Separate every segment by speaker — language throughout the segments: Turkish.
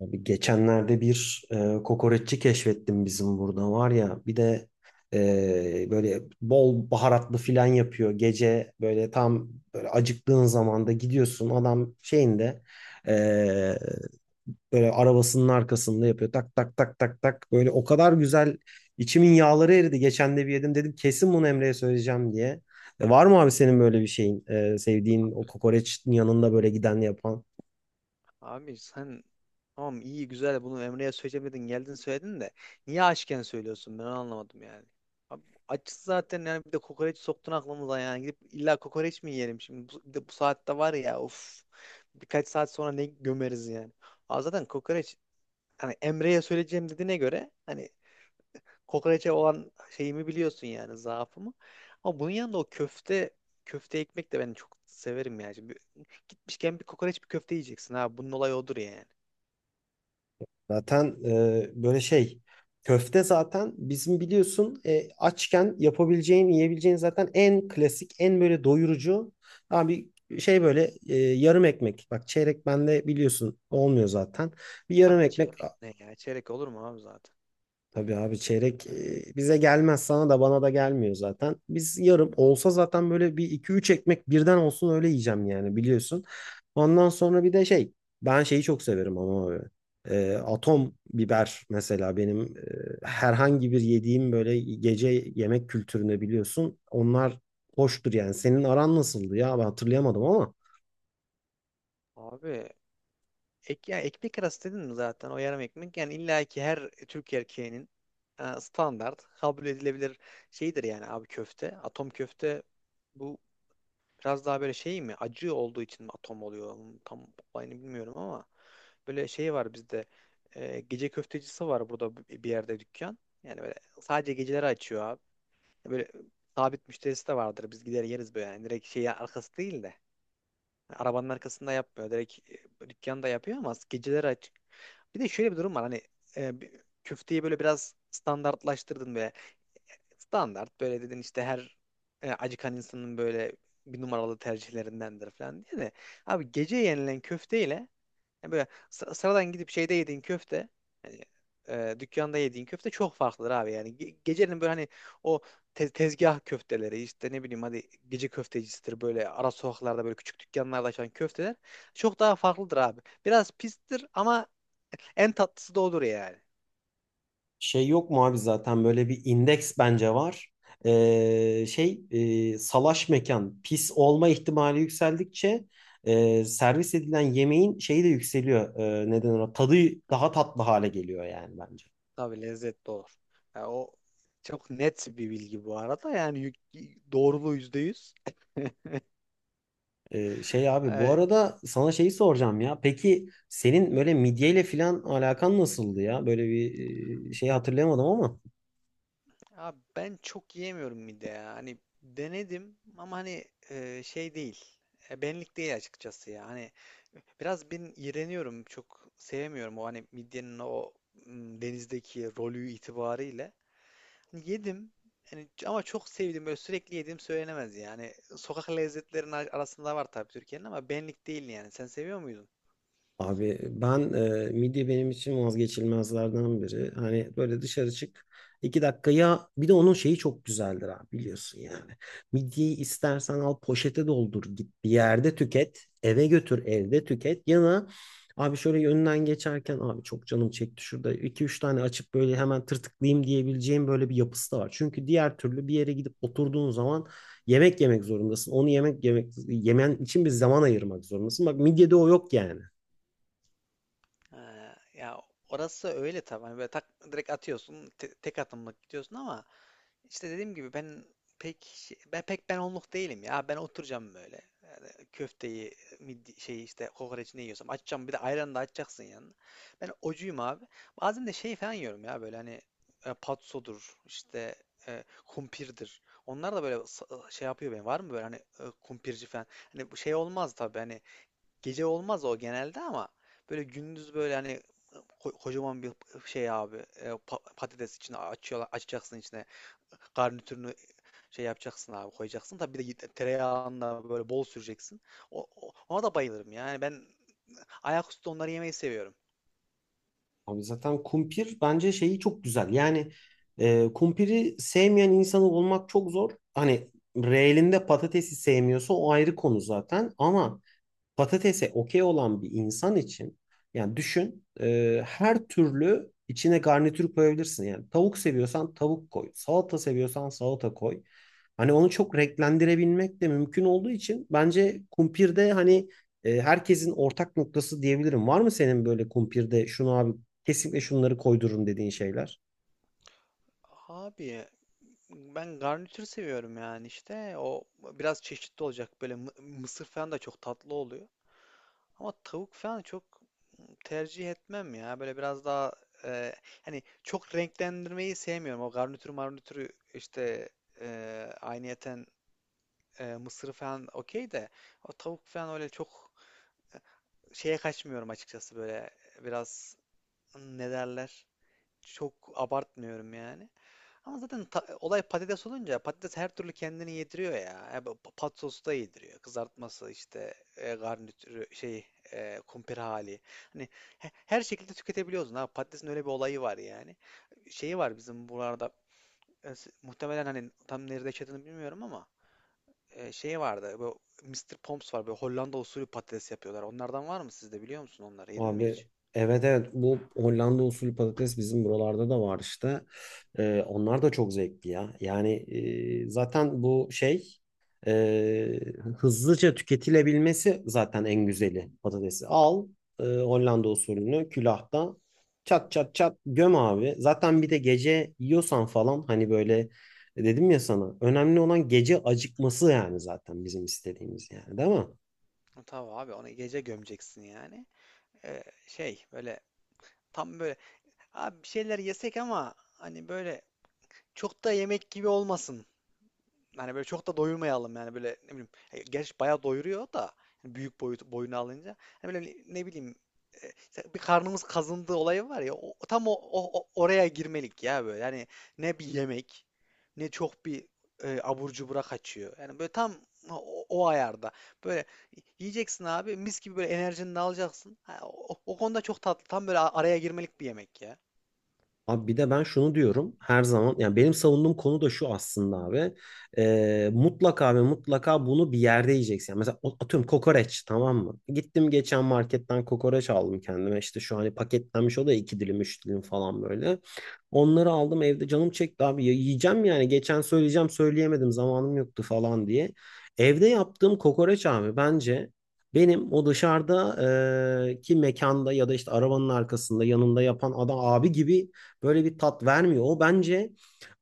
Speaker 1: Abi geçenlerde bir kokoreççi keşfettim, bizim burada var ya. Bir de böyle bol baharatlı filan yapıyor, gece böyle tam böyle acıktığın zamanda gidiyorsun, adam şeyinde e, böyle arabasının arkasında yapıyor tak tak tak tak tak, böyle o kadar güzel içimin yağları eridi. Geçen de bir yedim, dedim kesin bunu Emre'ye söyleyeceğim diye. Var mı abi senin böyle bir şeyin, sevdiğin, o kokoreçin yanında böyle giden, yapan?
Speaker 2: Abi sen tamam iyi güzel bunu Emre'ye söylemedin geldin söyledin de niye açken söylüyorsun ben onu anlamadım yani. Abi açız zaten, yani bir de kokoreç soktun aklımıza, yani gidip illa kokoreç mi yiyelim şimdi bu, bir de bu saatte var ya, of, birkaç saat sonra ne gömeriz yani. Abi zaten kokoreç, hani Emre'ye söyleyeceğim dediğine göre, hani kokoreçe olan şeyimi biliyorsun yani, zaafımı. Ama bunun yanında o köfte ekmek de ben çok severim yani. Şimdi gitmişken bir kokoreç bir köfte yiyeceksin abi, bunun olayı odur yani.
Speaker 1: Zaten böyle şey, köfte zaten bizim biliyorsun, açken yapabileceğin, yiyebileceğin zaten en klasik, en böyle doyurucu abi şey. Böyle yarım ekmek, bak çeyrek bende biliyorsun olmuyor zaten, bir
Speaker 2: Abi
Speaker 1: yarım ekmek.
Speaker 2: çeyrek ne ya? Çeyrek olur mu abi zaten?
Speaker 1: Tabii abi çeyrek bize gelmez, sana da bana da gelmiyor zaten. Biz yarım olsa zaten böyle bir iki üç ekmek birden olsun, öyle yiyeceğim yani, biliyorsun. Ondan sonra bir de şey, ben şeyi çok severim ama abi. Atom biber mesela benim herhangi bir yediğim böyle gece yemek kültürüne, biliyorsun. Onlar hoştur yani. Senin aran nasıldı ya, ben hatırlayamadım ama.
Speaker 2: Abi ya ekmek arası dedin mi zaten o yarım ekmek? Yani illa ki her Türk erkeğinin standart kabul edilebilir şeydir yani abi, köfte. Atom köfte bu biraz daha böyle şey mi? Acı olduğu için mi atom oluyor? Tam olayını bilmiyorum ama böyle şey var bizde. Gece köftecisi var burada bir yerde, dükkan. Yani böyle sadece geceleri açıyor abi. Böyle sabit müşterisi de vardır. Biz gider yeriz böyle. Yani direkt şeyi, arkası değil de. Arabanın arkasında yapmıyor. Direkt dükkanda yapıyor ama geceleri açık. Bir de şöyle bir durum var. Hani e, bir- köfteyi böyle biraz standartlaştırdın böyle. Standart böyle dedin işte, her acıkan insanın böyle bir numaralı tercihlerindendir falan diye de. Abi gece yenilen köfteyle yani, böyle sıradan gidip şeyde yediğin köfte, hani dükkanda yediğin köfte çok farklıdır abi yani. Gecenin böyle, hani o tezgah köfteleri, işte ne bileyim hadi gece köftecisidir, böyle ara sokaklarda böyle küçük dükkanlarda açan köfteler çok daha farklıdır abi. Biraz pistir ama en tatlısı da olur yani.
Speaker 1: Şey yok mu abi, zaten böyle bir indeks bence var. Şey, salaş mekan, pis olma ihtimali yükseldikçe servis edilen yemeğin şeyi de yükseliyor. Neden ona, tadı daha tatlı hale geliyor yani bence.
Speaker 2: Tabii lezzetli olur. Yani o çok net bir bilgi bu arada yani, doğruluğu yüzde yüz.
Speaker 1: Şey abi, bu
Speaker 2: E,
Speaker 1: arada sana şeyi soracağım ya. Peki senin böyle midyeyle filan alakan nasıldı ya? Böyle bir şey hatırlayamadım ama.
Speaker 2: Abi ben çok yiyemiyorum mide ya. Hani denedim ama hani şey değil. Benlik değil açıkçası ya. Hani biraz ben iğreniyorum. Çok sevmiyorum o, hani midyenin o denizdeki rolü itibariyle. Hani yedim. Yani ama çok sevdim. Böyle sürekli yediğim söylenemez yani. Sokak lezzetlerinin arasında var tabii Türkiye'nin ama benlik değil yani. Sen seviyor muydun?
Speaker 1: Abi ben, midye benim için vazgeçilmezlerden biri. Hani böyle dışarı çık, 2 dakika ya, bir de onun şeyi çok güzeldir abi, biliyorsun yani. Midyeyi istersen al, poşete doldur, git bir yerde tüket, eve götür evde tüket, ya da abi şöyle yönden geçerken, abi çok canım çekti şurada iki üç tane açıp böyle hemen tırtıklayayım diyebileceğim böyle bir yapısı da var. Çünkü diğer türlü bir yere gidip oturduğun zaman yemek yemek zorundasın. Onu yemek, yemek yemen için bir zaman ayırmak zorundasın. Bak midyede o yok yani.
Speaker 2: Ha, ya orası öyle tabii. Hani böyle tak, direkt atıyorsun, tek atımlık gidiyorsun ama. İşte dediğim gibi, ben pek onluk değilim ya. Ben oturacağım böyle. Yani köfteyi, midi, şey, işte kokoreç, ne yiyorsam açacağım. Bir de ayran da açacaksın yanına. Ben ocuyum abi. Bazen de şey falan yiyorum ya, böyle hani patsodur, işte kumpirdir. Onlar da böyle şey yapıyor benim. Var mı böyle, hani kumpirci falan? Hani bu şey olmaz tabii, hani gece olmaz o genelde, ama böyle gündüz böyle, hani kocaman bir şey abi, patates, içine açıyorlar, açacaksın içine garnitürünü şey yapacaksın abi, koyacaksın. Tabii bir de tereyağında böyle bol süreceksin. Ona da bayılırım. Yani ben ayaküstü onları yemeyi seviyorum.
Speaker 1: Abi zaten kumpir bence şeyi çok güzel. Yani kumpiri sevmeyen insanı olmak çok zor. Hani reelinde patatesi sevmiyorsa o ayrı konu zaten. Ama patatese okey olan bir insan için, yani düşün, her türlü içine garnitür koyabilirsin. Yani tavuk seviyorsan tavuk koy, salata seviyorsan salata koy. Hani onu çok renklendirebilmek de mümkün olduğu için bence kumpirde hani herkesin ortak noktası diyebilirim. Var mı senin böyle kumpirde şunu abi, kesinlikle şunları koydururum dediğin şeyler?
Speaker 2: Abi ben garnitür seviyorum yani, işte o biraz çeşitli olacak, böyle mısır falan da çok tatlı oluyor. Ama tavuk falan çok tercih etmem ya. Böyle biraz daha e, hani çok renklendirmeyi sevmiyorum. O garnitür marnitürü işte e, aynıyeten mısırı falan okey de, o tavuk falan öyle çok şeye kaçmıyorum açıkçası, böyle biraz, ne derler, çok abartmıyorum yani. Ama zaten olay patates olunca patates her türlü kendini yediriyor ya. Bu Pat sosu da yediriyor. Kızartması, işte garnitürü, şey kumpir hali. Hani her şekilde tüketebiliyorsun. Ha, patatesin öyle bir olayı var yani. Şeyi var bizim buralarda, muhtemelen hani tam nerede yaşadığını bilmiyorum ama şey vardı. Bu Mister Pomps var. Böyle Hollanda usulü patates yapıyorlar. Onlardan var mı sizde, biliyor musun onları? Yedin mi
Speaker 1: Abi,
Speaker 2: hiç?
Speaker 1: evet evet, bu Hollanda usulü patates bizim buralarda da var işte. Onlar da çok zevkli ya. Yani zaten bu şey, e, hızlıca tüketilebilmesi zaten en güzeli patatesi. Al Hollanda usulünü külahta, çat çat çat göm abi. Zaten bir de gece yiyorsan falan, hani böyle dedim ya sana, önemli olan gece acıkması, yani zaten bizim istediğimiz, yani değil mi?
Speaker 2: Tabii abi, onu gece gömeceksin yani. Şey böyle, tam böyle, abi bir şeyler yesek ama hani böyle çok da yemek gibi olmasın. Hani böyle çok da doyurmayalım yani, böyle ne bileyim. Gerçi bayağı doyuruyor da, hani büyük boyut boyunu alınca. Hani böyle ne bileyim, işte bir karnımız kazındığı olayı var ya, tam oraya girmelik ya böyle. Yani ne bir yemek, ne çok bir abur cubura kaçıyor. Yani böyle tam o ayarda. Böyle yiyeceksin abi, mis gibi, böyle enerjini de alacaksın. Ha, o konuda çok tatlı. Tam böyle araya girmelik bir yemek ya.
Speaker 1: Abi bir de ben şunu diyorum her zaman, yani benim savunduğum konu da şu aslında abi. Mutlaka ve mutlaka bunu bir yerde yiyeceksin. Yani mesela atıyorum kokoreç, tamam mı? Gittim geçen marketten kokoreç aldım kendime, işte şu hani paketlenmiş, o da iki dilim üç dilim falan böyle. Onları aldım evde, canım çekti abi ya, yiyeceğim yani geçen söyleyeceğim, söyleyemedim, zamanım yoktu falan diye. Evde yaptığım kokoreç abi, bence benim o dışarıda, ki mekanda ya da işte arabanın arkasında, yanında yapan adam abi gibi böyle bir tat vermiyor. O bence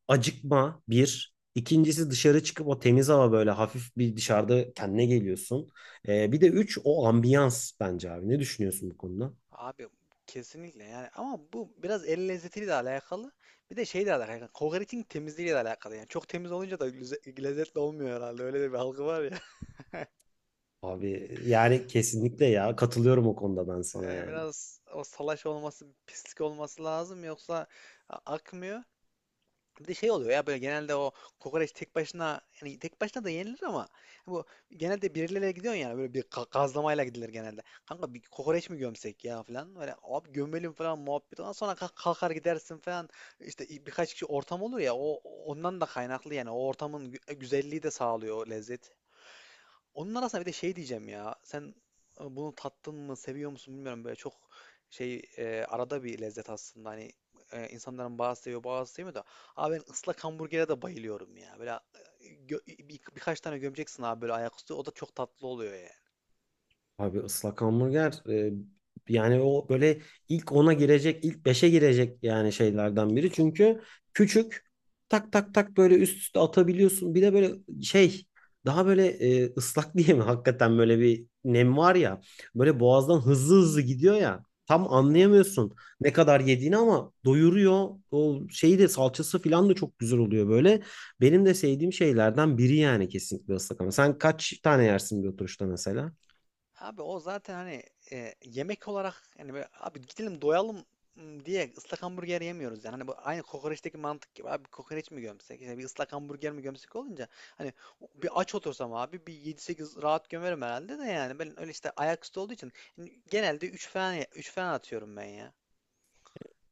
Speaker 1: acıkma, bir. İkincisi, dışarı çıkıp o temiz hava, böyle hafif bir dışarıda kendine geliyorsun. Bir de üç, o ambiyans bence abi. Ne düşünüyorsun bu konuda?
Speaker 2: Abi kesinlikle, yani ama bu biraz el lezzetiyle de alakalı. Bir de şey de alakalı. Yani kokoreçin temizliğiyle de alakalı. Yani çok temiz olunca da lezzetli olmuyor herhalde. Öyle de bir algı var ya.
Speaker 1: Abi yani kesinlikle ya, katılıyorum o konuda ben sana
Speaker 2: Yani
Speaker 1: yani.
Speaker 2: biraz o salaş olması, pislik olması lazım, yoksa akmıyor. Bir de şey oluyor ya, böyle genelde o kokoreç tek başına, yani tek başına da yenilir ama bu genelde birileriyle gidiyorsun yani, böyle bir gazlamayla gidilir genelde. Kanka bir kokoreç mi gömsek ya falan, böyle abi gömelim falan, muhabbet, ondan sonra kalkar gidersin falan, işte birkaç kişi ortam olur ya, o, ondan da kaynaklı yani, o ortamın güzelliği de sağlıyor o lezzet. Onun arasında bir de şey diyeceğim ya. Sen bunu tattın mı, seviyor musun bilmiyorum. Böyle çok şey, arada bir lezzet aslında. Hani insanların bazı seviyor, bazı sevmiyor da. Abi ben ıslak hamburgere de bayılıyorum ya. Böyle birkaç tane gömeceksin abi, böyle ayaküstü. O da çok tatlı oluyor yani.
Speaker 1: Abi ıslak hamburger yani o böyle ilk 10'a girecek, ilk beşe girecek yani şeylerden biri. Çünkü küçük, tak tak tak böyle üst üste atabiliyorsun. Bir de böyle şey, daha böyle ıslak diye mi, hakikaten böyle bir nem var ya. Böyle boğazdan hızlı hızlı gidiyor ya. Tam
Speaker 2: Aynen.
Speaker 1: anlayamıyorsun ne kadar yediğini ama doyuruyor. O şeyi de, salçası falan da çok güzel oluyor böyle. Benim de sevdiğim şeylerden biri yani, kesinlikle ıslak hamburger. Sen kaç tane yersin bir oturuşta mesela?
Speaker 2: Abi o zaten, hani yemek olarak yani, böyle abi gidelim doyalım diye ıslak hamburger yemiyoruz yani. Hani bu aynı kokoreçteki mantık gibi, abi kokoreç mi gömsek, işte bir ıslak hamburger mi gömsek olunca, hani bir aç otursam abi bir 7-8 rahat gömerim herhalde de, yani ben öyle, işte ayaküstü olduğu için yani genelde 3 falan, 3 falan atıyorum ben ya.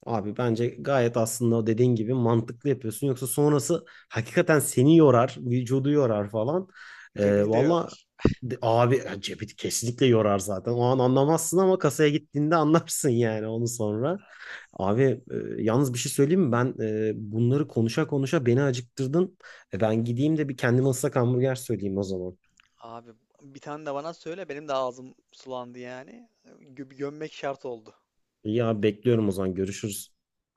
Speaker 1: Abi bence gayet aslında o dediğin gibi mantıklı yapıyorsun. Yoksa sonrası hakikaten seni yorar, vücudu yorar falan.
Speaker 2: Cebini de
Speaker 1: Valla
Speaker 2: yorar.
Speaker 1: abi yani cebi kesinlikle yorar zaten. O an anlamazsın ama kasaya gittiğinde anlarsın yani onu sonra. Abi yalnız bir şey söyleyeyim mi? Ben bunları konuşa konuşa beni acıktırdın. Ben gideyim de bir kendime ıslak hamburger söyleyeyim o zaman.
Speaker 2: Abi bir tane de bana söyle, benim de ağzım sulandı yani. Gömmek şart oldu.
Speaker 1: İyi abi, bekliyorum o zaman, görüşürüz.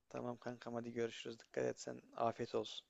Speaker 2: Tamam kankam, hadi görüşürüz. Dikkat et sen. Afiyet olsun.